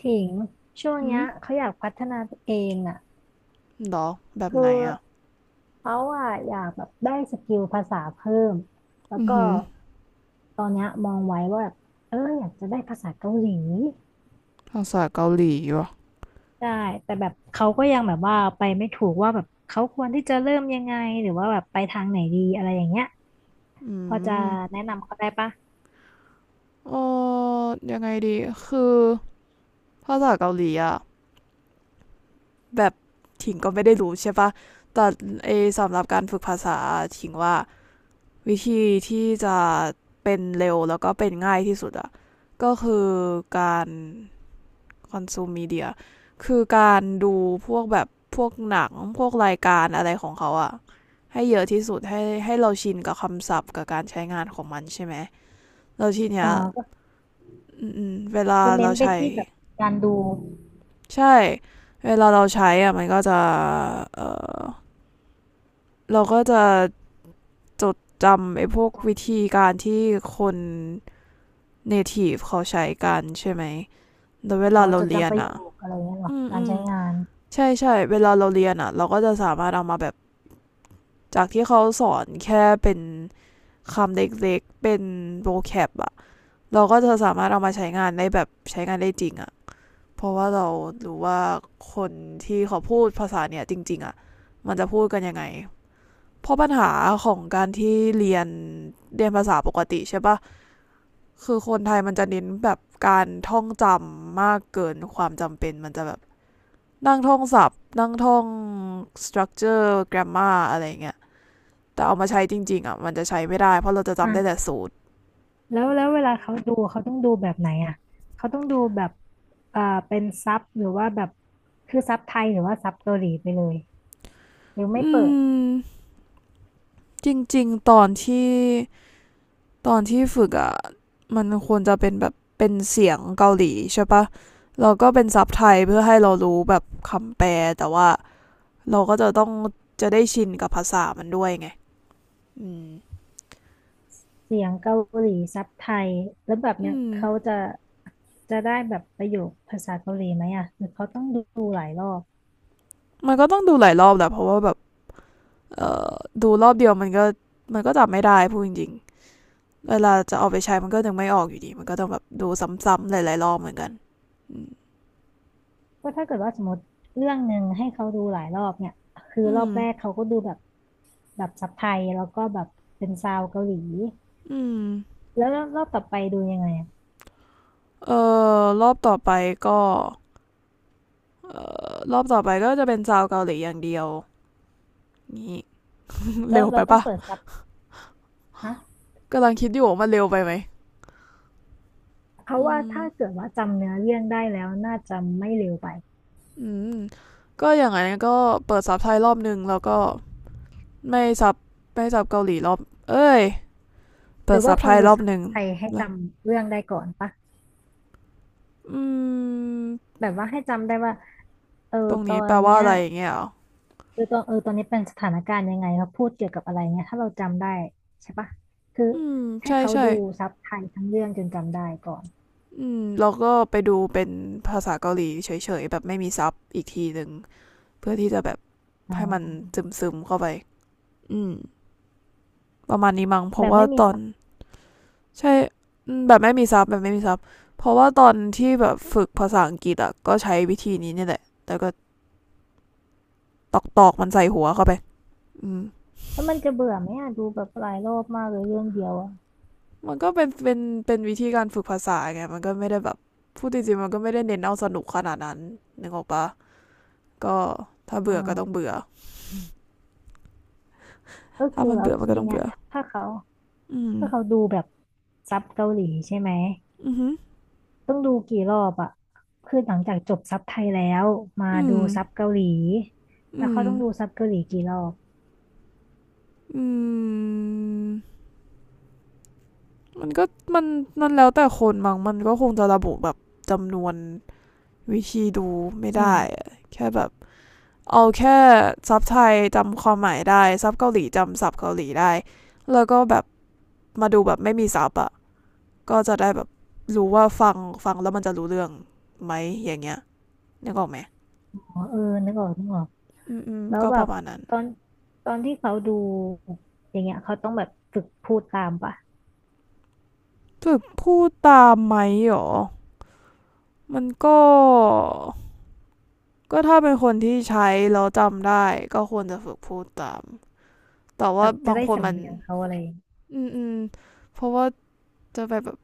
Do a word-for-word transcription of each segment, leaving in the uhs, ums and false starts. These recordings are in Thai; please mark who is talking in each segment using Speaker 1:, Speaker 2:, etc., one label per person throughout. Speaker 1: ถิงช่วง
Speaker 2: หื
Speaker 1: เนี้
Speaker 2: ม
Speaker 1: ยเขาอยากพัฒนาตัวเองอ่ะ
Speaker 2: หรอแบบ
Speaker 1: คือ
Speaker 2: ไหนอ่ะ
Speaker 1: เขาอ่ะอยากแบบได้สกิลภาษาเพิ่มแล้ว
Speaker 2: อือ
Speaker 1: ก็
Speaker 2: หือ
Speaker 1: ตอนเนี้ยมองไว้ว่าแบบเอออยากจะได้ภาษาเกาหลี
Speaker 2: ภาษาเกาหลีวะ
Speaker 1: ได้แต่แบบเขาก็ยังแบบว่าไปไม่ถูกว่าแบบเขาควรที่จะเริ่มยังไงหรือว่าแบบไปทางไหนดีอะไรอย่างเงี้ย
Speaker 2: อื
Speaker 1: พอจะ
Speaker 2: ม
Speaker 1: แนะนำเขาได้ปะ
Speaker 2: เออยังไงดี คือ ภาษาเกาหลีอ่ะ แบบ ถิงก็ไม่ได้รู้ใช่ปะแต่ไอสำหรับการฝึกภาษา ถิงว่า วิธีที่จะเป็นเร็วแล้วก็เป็นง่ายที่สุดอ่ะ ก็คือการ คอนซูมมีเดียคือการดูพวกแบบพวกหนังพวกรายการอะไรของเขาอะให้เยอะที่สุดให้ให้เราชินกับคำศัพท์กับการใช้งานของมันใช่ไหมเราทีเนี้
Speaker 1: อ๋อ
Speaker 2: ย
Speaker 1: ก็
Speaker 2: เวลา
Speaker 1: คือเน้
Speaker 2: เรา
Speaker 1: นไป
Speaker 2: ใช้
Speaker 1: ที่แบบการดู
Speaker 2: ใช่ เวลาเราใช้อะมันก็จะ เออ เราก็จะจดจำไอ้พวกวิธีการที่คน n a t i v เขาใช้กันใช่ไหมแต่เวลา
Speaker 1: ต่อ
Speaker 2: เรา
Speaker 1: จด
Speaker 2: เรีย
Speaker 1: จำป
Speaker 2: น
Speaker 1: ระโย
Speaker 2: อะ
Speaker 1: คอะไรเงี้ยหรอ
Speaker 2: อืม
Speaker 1: การ
Speaker 2: อืม
Speaker 1: ใช้งาน
Speaker 2: ใช่ใช่เวลาเราเรียนอะเราก็จะสามารถเอามาแบบ จากที่เขาสอนแค่เป็นคำเล็กๆเป็นโบแคปอะ เราก็จะสามารถเอามาใช้งานได้แบบใช้งานได้จริงอะเพราะว่าเรารู้ว่าคนที่เขาพูดภาษาเนี่ยจริงๆอะมันจะพูดกันยังไงเพราะปัญหาของการที่เรียนเรียนภาษาปกติใช่ปะคือคนไทยมันจะเน้นแบบการท่องจำมากเกินความจำเป็นมันจะแบบนั่งท่องศัพท์นั่งท่อง structure grammar อะไรอย่างเงี้ย แต่เอามาใช้จริงๆอ่ะมันจะใช้ไม่ได้เพราะเราจะจำได้แต่
Speaker 1: อ่า
Speaker 2: สูตร
Speaker 1: แล้วแล้วเวลาเขาดูเขาต้องดูแบบไหนอ่ะเขาต้องดูแบบเอ่อเป็นซับหรือว่าแบบคือซับไทยหรือว่าซับเกาหลีไปเลยหรือไม่
Speaker 2: อื
Speaker 1: เปิด
Speaker 2: มจริงๆตอนที่ตอนที่ฝึกอ่ะมันควรจะเป็นแบบเป็นเสียงเกาหลีใช่ปะแล้วก็เป็นซับไทยเพื่อให้เรารู้แบบคำแปลแต่ว่าเราก็จะต้องจะได้ชินกับภาษามันด้วยไงอืม
Speaker 1: เสียงเกาหลีซับไทยแล้วแบบเนี้
Speaker 2: อื
Speaker 1: ย
Speaker 2: ม
Speaker 1: เขาจะจะได้แบบประโยคภาษาเกาหลีไหมอ่ะหรือเขาต้องดูหลายรอบ
Speaker 2: มันก็ต้องดูหลายรอบแหละเพราะว่าแบบเอ่อดูรอบเดียวมันก็มันก็จำไม่ได้พูดจริง เวลาจะเอาไปใช้มันก็ยังไม่ออกอยู่ดีมันก็ต้องแบบดูซ้ำๆหลายๆรอบเหมือนกันอืม
Speaker 1: ก็ถ้าเกิดว่าสมมติเรื่องหนึ่งให้เขาดูหลายรอบเนี่ยคือ
Speaker 2: อื
Speaker 1: รอบ
Speaker 2: ม
Speaker 1: แรกเขาก็ดูแบบแบบซับไทยแล้วก็แบบเป็นซาวเกาหลีแล้วรอบต่อไปดูยังไงอ่ะ
Speaker 2: เออรอบต่อไปก็เอ่อรอบต่อไปก็จะเป็นซาวเกาหลีอย่างเดียวนี่
Speaker 1: แล้
Speaker 2: เร็
Speaker 1: ว
Speaker 2: วไป
Speaker 1: เราต้อง
Speaker 2: ปะ
Speaker 1: เปิดซับนะ
Speaker 2: กำลังคิดอยู่ว่ามันเร็วไปไหม
Speaker 1: เพราะ
Speaker 2: อื
Speaker 1: ว่า
Speaker 2: ม
Speaker 1: ถ้าเกิดว่าจำเนื้อเรื่องได้แล้วน่าจะไม่เร็วไป
Speaker 2: อืมก็อย่างไรก็เปิดซับไทยรอบหนึ่งแล้วก็ไม่ซับไม่ซับเกาหลีรอบเอ้ย
Speaker 1: ห
Speaker 2: เปิ
Speaker 1: รื
Speaker 2: ด
Speaker 1: อ
Speaker 2: ซั
Speaker 1: ว่า
Speaker 2: บ
Speaker 1: ค
Speaker 2: ไท
Speaker 1: วร
Speaker 2: ย
Speaker 1: ดู
Speaker 2: รอบ
Speaker 1: ซับ
Speaker 2: หนึ่ง
Speaker 1: ไทยให้จ
Speaker 2: แล้ว
Speaker 1: ำเรื่องได้ก่อนปะ
Speaker 2: อืม
Speaker 1: แบบว่าให้จำได้ว่าเออ
Speaker 2: ตรง
Speaker 1: ตอ
Speaker 2: นี้แป
Speaker 1: น
Speaker 2: ลว่า
Speaker 1: เนี้ย
Speaker 2: อะไรอย่างเงี้ยอหรอ
Speaker 1: เออตอนเออตอนนี้เป็นสถานการณ์ยังไงเขาพูดเกี่ยวกับอะไรเงี้ยถ้าเราจำได้ใช่ปะคือ
Speaker 2: อืม
Speaker 1: ให้
Speaker 2: ใช่
Speaker 1: เขา
Speaker 2: ใช่
Speaker 1: ดูซับไทยทั้งเรื่องจนจำได้ก่อน
Speaker 2: อืมแล้วก็ไปดูเป็นภาษาเกาหลีเฉยๆแบบไม่มีซับอีกทีหนึ่งเพื่อที่จะแบบ
Speaker 1: อ๋
Speaker 2: ให้มัน
Speaker 1: อ
Speaker 2: ซึมๆเข้าไปอืมประมาณนี้มั้งเพ
Speaker 1: แบ
Speaker 2: ราะ
Speaker 1: บ
Speaker 2: ว่า
Speaker 1: ไม่มี
Speaker 2: ตอน
Speaker 1: ซับ
Speaker 2: ใช่แบบไม่มีซับแบบไม่มีซับเพราะว่าตอนที่แบบฝึกภาษาอังกฤษอ่ะก็ใช้วิธีนี้เนี่ยแหละแต่ก็ตอกๆมันใส่หัวเข้าไปอืม
Speaker 1: แล้วมันจะเบื่อไหมอะดูแบบหลายรอบมากเลยเรื่องเดียวอ่ะ
Speaker 2: มันก็เป็นเป็นเป็นวิธีการฝึกภาษาไงมันก็ไม่ได้แบบพูดจริงๆมันก็ไม่ได้เน้นเอาสนุกขนาดนั้นนึกออกปะก็ถ้า
Speaker 1: อ
Speaker 2: เบื่อก็ต้อง
Speaker 1: ่า
Speaker 2: เบื่อ
Speaker 1: ก็
Speaker 2: ถ้า
Speaker 1: คือ
Speaker 2: มัน
Speaker 1: แล้ว
Speaker 2: เบื่อมันก็
Speaker 1: ที
Speaker 2: ต้อง
Speaker 1: เนี้ย
Speaker 2: เบื่อ
Speaker 1: ถ้าเขา
Speaker 2: อืม
Speaker 1: ถ้าเขาดูแบบซับเกาหลีใช่ไหม
Speaker 2: อือหือ
Speaker 1: ต้องดูกี่รอบอะคือหลังจากจบซับไทยแล้วมา
Speaker 2: อื
Speaker 1: ดู
Speaker 2: ม
Speaker 1: ซับเกาหลีแล้
Speaker 2: อื
Speaker 1: วเขา
Speaker 2: ม
Speaker 1: ต้องดูซับเกาหลีกี่รอบ
Speaker 2: อืมมันก็มันมันแล้วแต่คนบางมันก็คงจะระบุแบบจำนวนวิธีดูไม่
Speaker 1: อื
Speaker 2: ได้
Speaker 1: ม
Speaker 2: อะแค่แบบเอาแค่ซับไทยจำความหมายได้ซับเกาหลีจำศัพท์เกาหลีได้แล้วก็แบบมาดูแบบไม่มีซับอะก็จะได้แบบรู้ว่าฟังฟังแล้วมันจะรู้เรื่องไหมอย่างเงี้ยนึกออกไหม
Speaker 1: อ๋อเออนึกออกนึกออก
Speaker 2: อืมอืม
Speaker 1: แล้ว
Speaker 2: ก็
Speaker 1: แบ
Speaker 2: ป
Speaker 1: บ
Speaker 2: ระมาณนั้น
Speaker 1: ตอนตอนที่เขาดูอย่างเงี้ยเขาต้องแบบฝึกพูดตามปะ
Speaker 2: ฝึกพูดตามไหมหรอมันก็ ก็ถ้าเป็นคนที่ใช้แล้วจำได้ก็ควรจะฝึกพูดตามแต่
Speaker 1: แบ
Speaker 2: ว่า
Speaker 1: บจะ
Speaker 2: บาง
Speaker 1: ได้
Speaker 2: คน
Speaker 1: สำ
Speaker 2: มัน
Speaker 1: เนียงเขาอะไรอย่างเงี้ย
Speaker 2: อืมอืมเพราะว่าจะไปแบบ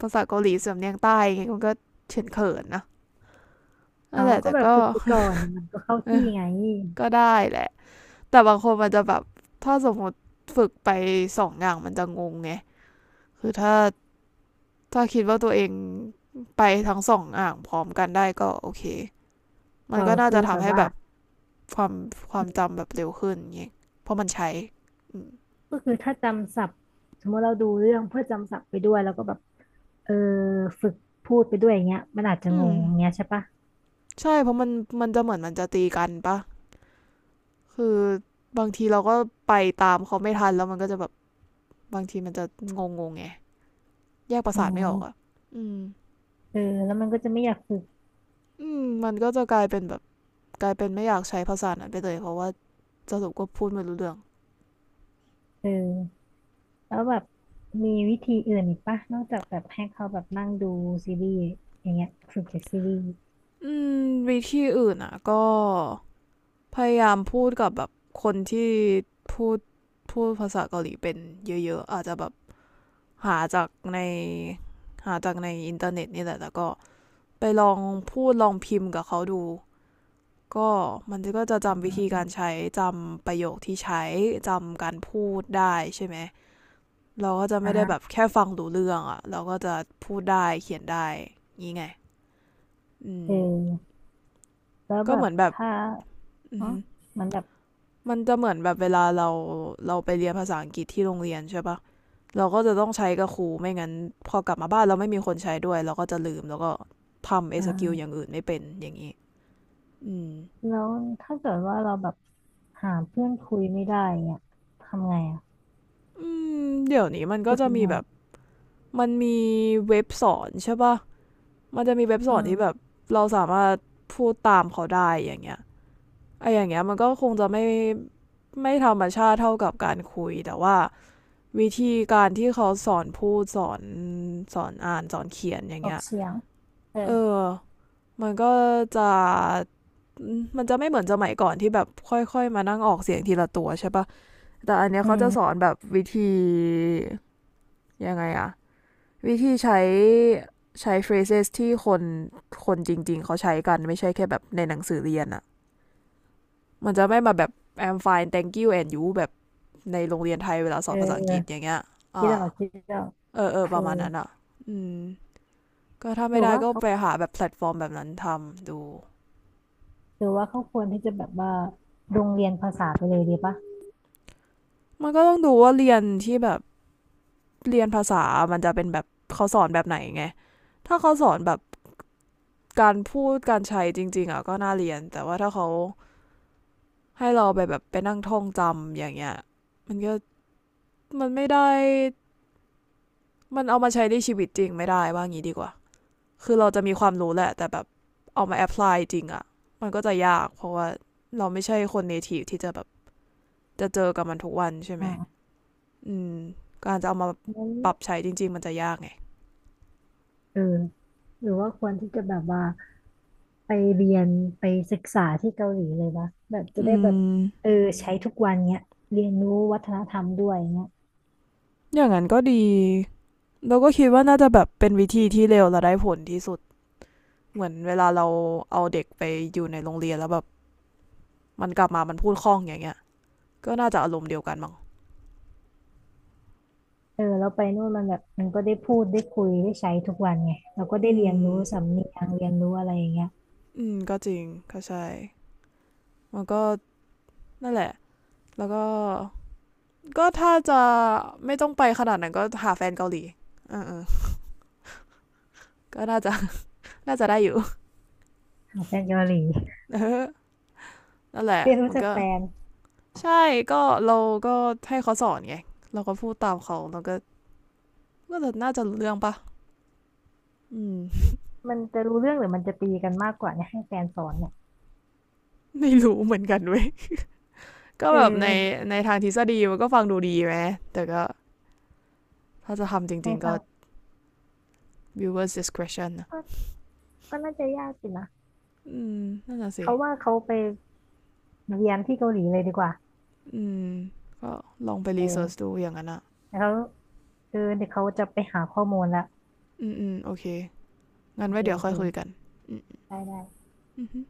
Speaker 2: ภาษาเกาหลีสำเนียงใต้ไงมันก็เฉินเขินนะนั่
Speaker 1: อ๋
Speaker 2: น
Speaker 1: อ
Speaker 2: แหละ
Speaker 1: ก็
Speaker 2: แต่
Speaker 1: แบบ
Speaker 2: ก็
Speaker 1: ฝึกไปก่อนมันก็เข้าที่ไง
Speaker 2: ก็ได้แหละ แต่บางคนมันจะแบบ ถ้าสมมติฝึกไปสองอย่างมันจะงงไง คือถ้าถ้าคิดว่าตัวเองไปทั้งสองอย่างพร้อมกันได้ก็โอเคมั
Speaker 1: เอ
Speaker 2: น
Speaker 1: อ
Speaker 2: ก็น่า
Speaker 1: คือ
Speaker 2: จะ
Speaker 1: แบ
Speaker 2: ทำ
Speaker 1: บ
Speaker 2: ให้
Speaker 1: ว่า
Speaker 2: แบบความควา
Speaker 1: อื
Speaker 2: ม
Speaker 1: ม
Speaker 2: จำแบบเร็วขึ้นไงเพราะมันใช้อื
Speaker 1: ก็คือถ้าจำศัพท์สมมติเราดูเรื่องเพื่อจำศัพท์ไปด้วยแล้วก็แบบเออฝึกพูดไปด้วยอย่างเงี้ยมันอาจจะ
Speaker 2: อื
Speaker 1: ง
Speaker 2: ม
Speaker 1: งอย่างเงี้ยใช่ปะ
Speaker 2: ใช่เพราะมันมันจะเหมือนมันจะตีกันปะคือบางทีเราก็ไปตามเขาไม่ทันแล้วมันก็จะแบบบางทีมันจะงงงๆไงแยกประ
Speaker 1: อ๋อ
Speaker 2: สาทไม่ออกอ่ะอืม
Speaker 1: เออแล้วมันก็จะไม่อยากฝึก
Speaker 2: อืมมันก็จะกลายเป็นแบบกลายเป็นไม่อยากใช้ภาษานั้นไปเลยเพราะว่าสรุปก็พูดไม่รู้เรื่อง
Speaker 1: เออแล้วแบบมีวิธีอื่นอีกปะนอกจากแบบให้เขาแบบนั่งดูซีรีส์อย่างเงี้ยฝึกจากซีรีส์
Speaker 2: อืมวิธีอื่นอ่ะก็พยายามพูดกับแบบคนที่พูดพูดภาษาเกาหลีเป็นเยอะๆอาจจะแบบหาจากในหาจากในอินเทอร์เน็ตนี่แหละแล้วก็ไปลองพูดลองพิมพ์กับเขาดู ก็มันก็จะจำวิธีการใช้จำประโยคที่ใช้จำการพูดได้ใช่ไหมเราก็จะ
Speaker 1: อ่ะ
Speaker 2: ไม่ได้
Speaker 1: ฮะ
Speaker 2: แบบแค่ฟังรู้เรื่องอะเราก็จะพูดได้เขียนได้งี้ไงอื
Speaker 1: เ
Speaker 2: ม
Speaker 1: ออแล้ว
Speaker 2: ก็
Speaker 1: แบ
Speaker 2: เห
Speaker 1: บ
Speaker 2: มือนแบบ
Speaker 1: ถ้าอ๋อมันแบบ
Speaker 2: มันจะเหมือนแบบเวลาเราเราไปเรียนภาษาอังกฤษที่โรงเรียนใช่ปะเราก็จะต้องใช้กับครูไม่งั้นพอกลับมาบ้านเราไม่มีคนใช้ด้วยเราก็จะลืมแล้วก็ทำเอ
Speaker 1: อ่
Speaker 2: สกิลอย่าง
Speaker 1: า
Speaker 2: อื่นไม่เป็นอย่างนี้อื
Speaker 1: แล้วถ้าเกิดว่าเราแบบหาเพื่อนคุยไม่ได้เนี่ยทำไงอ่ะ
Speaker 2: อืมเดี๋ยวนี้มันก็
Speaker 1: ฝึก
Speaker 2: จะ
Speaker 1: ยัง
Speaker 2: มี
Speaker 1: ไง
Speaker 2: แบบมันมีเว็บสอนใช่ปะ มันจะมีเว็บส
Speaker 1: อื
Speaker 2: อนที่แบบ
Speaker 1: ม
Speaker 2: เราสามารถพูดตามเขาได้อย่างเงี้ยไออย่างเงี้ยมันก็คงจะไม่ไม่ธรรมชาติเท่ากับการคุยแต่ว่าวิธีการที่เขาสอนพูดสอนสอนอ่านสอนเขียนอย่าง
Speaker 1: ออ
Speaker 2: เงี้
Speaker 1: ก
Speaker 2: ย
Speaker 1: เสียงเออ
Speaker 2: เออมันก็จะมันจะไม่เหมือนสมัยก่อนที่แบบค่อยๆมานั่งออกเสียงทีละตัวใช่ปะแต่อันเนี้ย
Speaker 1: อื
Speaker 2: เขาจะสอน
Speaker 1: ม
Speaker 2: แบบวิธียังไงอะ วิธีใช้ใช้ phrases ที่คนคนจริงๆเขาใช้กันไม่ใช่แค่แบบในหนังสือเรียนอะมันจะไม่มาแบบ I'm fine thank you and you แบบในโรงเรียนไทยเวลาส
Speaker 1: เ
Speaker 2: อนภาษาอังกฤษอ
Speaker 1: ออ
Speaker 2: ย่างเงี้ย
Speaker 1: คิดอ
Speaker 2: อ่า
Speaker 1: อกคิดออก
Speaker 2: เออเออป
Speaker 1: เออ
Speaker 2: ระมาณนั้นอะอืม ก็ถ้า
Speaker 1: ห
Speaker 2: ไม่
Speaker 1: รือ
Speaker 2: ได้
Speaker 1: ว่า
Speaker 2: ก็
Speaker 1: เขา
Speaker 2: ไปหาแบบแพลตฟอร์มแบบนั้นทำดู
Speaker 1: หรือว่าเขาควรที่จะแบบว่าโรงเรียนภาษาไปเลยดีปะ
Speaker 2: มันก็ต้องดูว่าเรียนที่แบบเรียนภาษา มันจะเป็นแบบเขาสอนแบบไหนไงถ้าเขาสอนแบบการพูดการใช้จริงๆอะก็น่าเรียนแต่ว่าถ้าเขา ให้เราไปแบบไปนั่งท่องจำอย่างเงี้ยมันก็มันไม่ได้มันเอามาใช้ในชีวิตจริงไม่ได้ว่างี้ดีกว่าคือเราจะมีความรู้แหละแต่แบบเอามาแอพพลายจริงอะมันก็จะยากเพราะว่าเราไม่ใช่คนเนทีฟที่จะแบบจะเจอกับมันทุกวันใช่ไห
Speaker 1: อื
Speaker 2: ม
Speaker 1: ม
Speaker 2: อืมการจะเอามา
Speaker 1: งั้น
Speaker 2: ปรับใช้จริงๆมันจะยากไง
Speaker 1: เออหรือว่าควรที่จะแบบว่าไปเรียนไปศึกษาที่เกาหลีเลยวะแบบจะ
Speaker 2: อื
Speaker 1: ได้แบบ
Speaker 2: ม
Speaker 1: เออใช้ทุกวันเนี้ยเรียนรู้วัฒนธรรมด้วยเนี้ย
Speaker 2: อย่างนั้นก็ดีเราก็คิดว่าน่าจะแบบเป็นวิธีที่เร็วและได้ผลที่สุดเหมือนเวลาเราเอาเด็กไปอยู่ในโรงเรียนแล้วแบบมันกลับมามันพูดคล่องอย่างเงี้ย ก็น่าจะอารมณ์เดียวกันมั้ง
Speaker 1: เออแล้วไปนู่นมันแบบมันก็ได้พูดได้คุยได้ใช้ทุกวันไงเราก็ได้
Speaker 2: อื
Speaker 1: เรียน
Speaker 2: ม
Speaker 1: รู้สำเนียงเรียนรู้อะไรอย่างเงี้ย
Speaker 2: อืม ก็จริงก็ใช่ มันก็นั่นแหละ แล้วก็ ก็ถ้าจะไม่ต้องไปขนาดนั้นก็หาแฟนเกาหลีเออเอก็น่าจะ น่าจะได้อยู่
Speaker 1: ของแฟนเกาหลี
Speaker 2: เออนั่นแห ละ
Speaker 1: เรียนรู้
Speaker 2: มัน
Speaker 1: จาก
Speaker 2: ก็
Speaker 1: แฟน
Speaker 2: ใช่ ก็เราก็ให้เขาสอนไง เราก็พูดตามเขาเราก็ก็จะน่าจะรู้เรื่องปะอืม
Speaker 1: มันจะรู้เรื่องหรือมันจะตีกันมากกว่าเนี่ยให้แฟนสอนเนี่ย
Speaker 2: ไม่รู้เหมือนกันเว้ยก็
Speaker 1: เอ
Speaker 2: แบบใน
Speaker 1: อ
Speaker 2: ในทางทฤษฎีมันก็ฟังดูดีไหมแต่ก็ถ้าจะทำจ
Speaker 1: ใน
Speaker 2: ริงๆก็
Speaker 1: ทาง
Speaker 2: viewers discretion นะ
Speaker 1: ก็ก็น่าจะยากสินะ
Speaker 2: อืมนั่นน่ะสิ
Speaker 1: เขาว่าเขาไปเรียนที่เกาหลีเลยดีกว่า
Speaker 2: อืมก็ลองไปรีเสิร์ช
Speaker 1: เออ
Speaker 2: ดูอย่างนั้นอ่ะ
Speaker 1: แล้วคือเดี๋ยวเขาจะไปหาข้อมูลละ
Speaker 2: อืมอืมโอเคงั้
Speaker 1: โอ
Speaker 2: นไว้
Speaker 1: เค
Speaker 2: เดี๋ย
Speaker 1: โอ
Speaker 2: วค่
Speaker 1: เค
Speaker 2: อยคุยกันอืมอื
Speaker 1: ได้ได้
Speaker 2: ม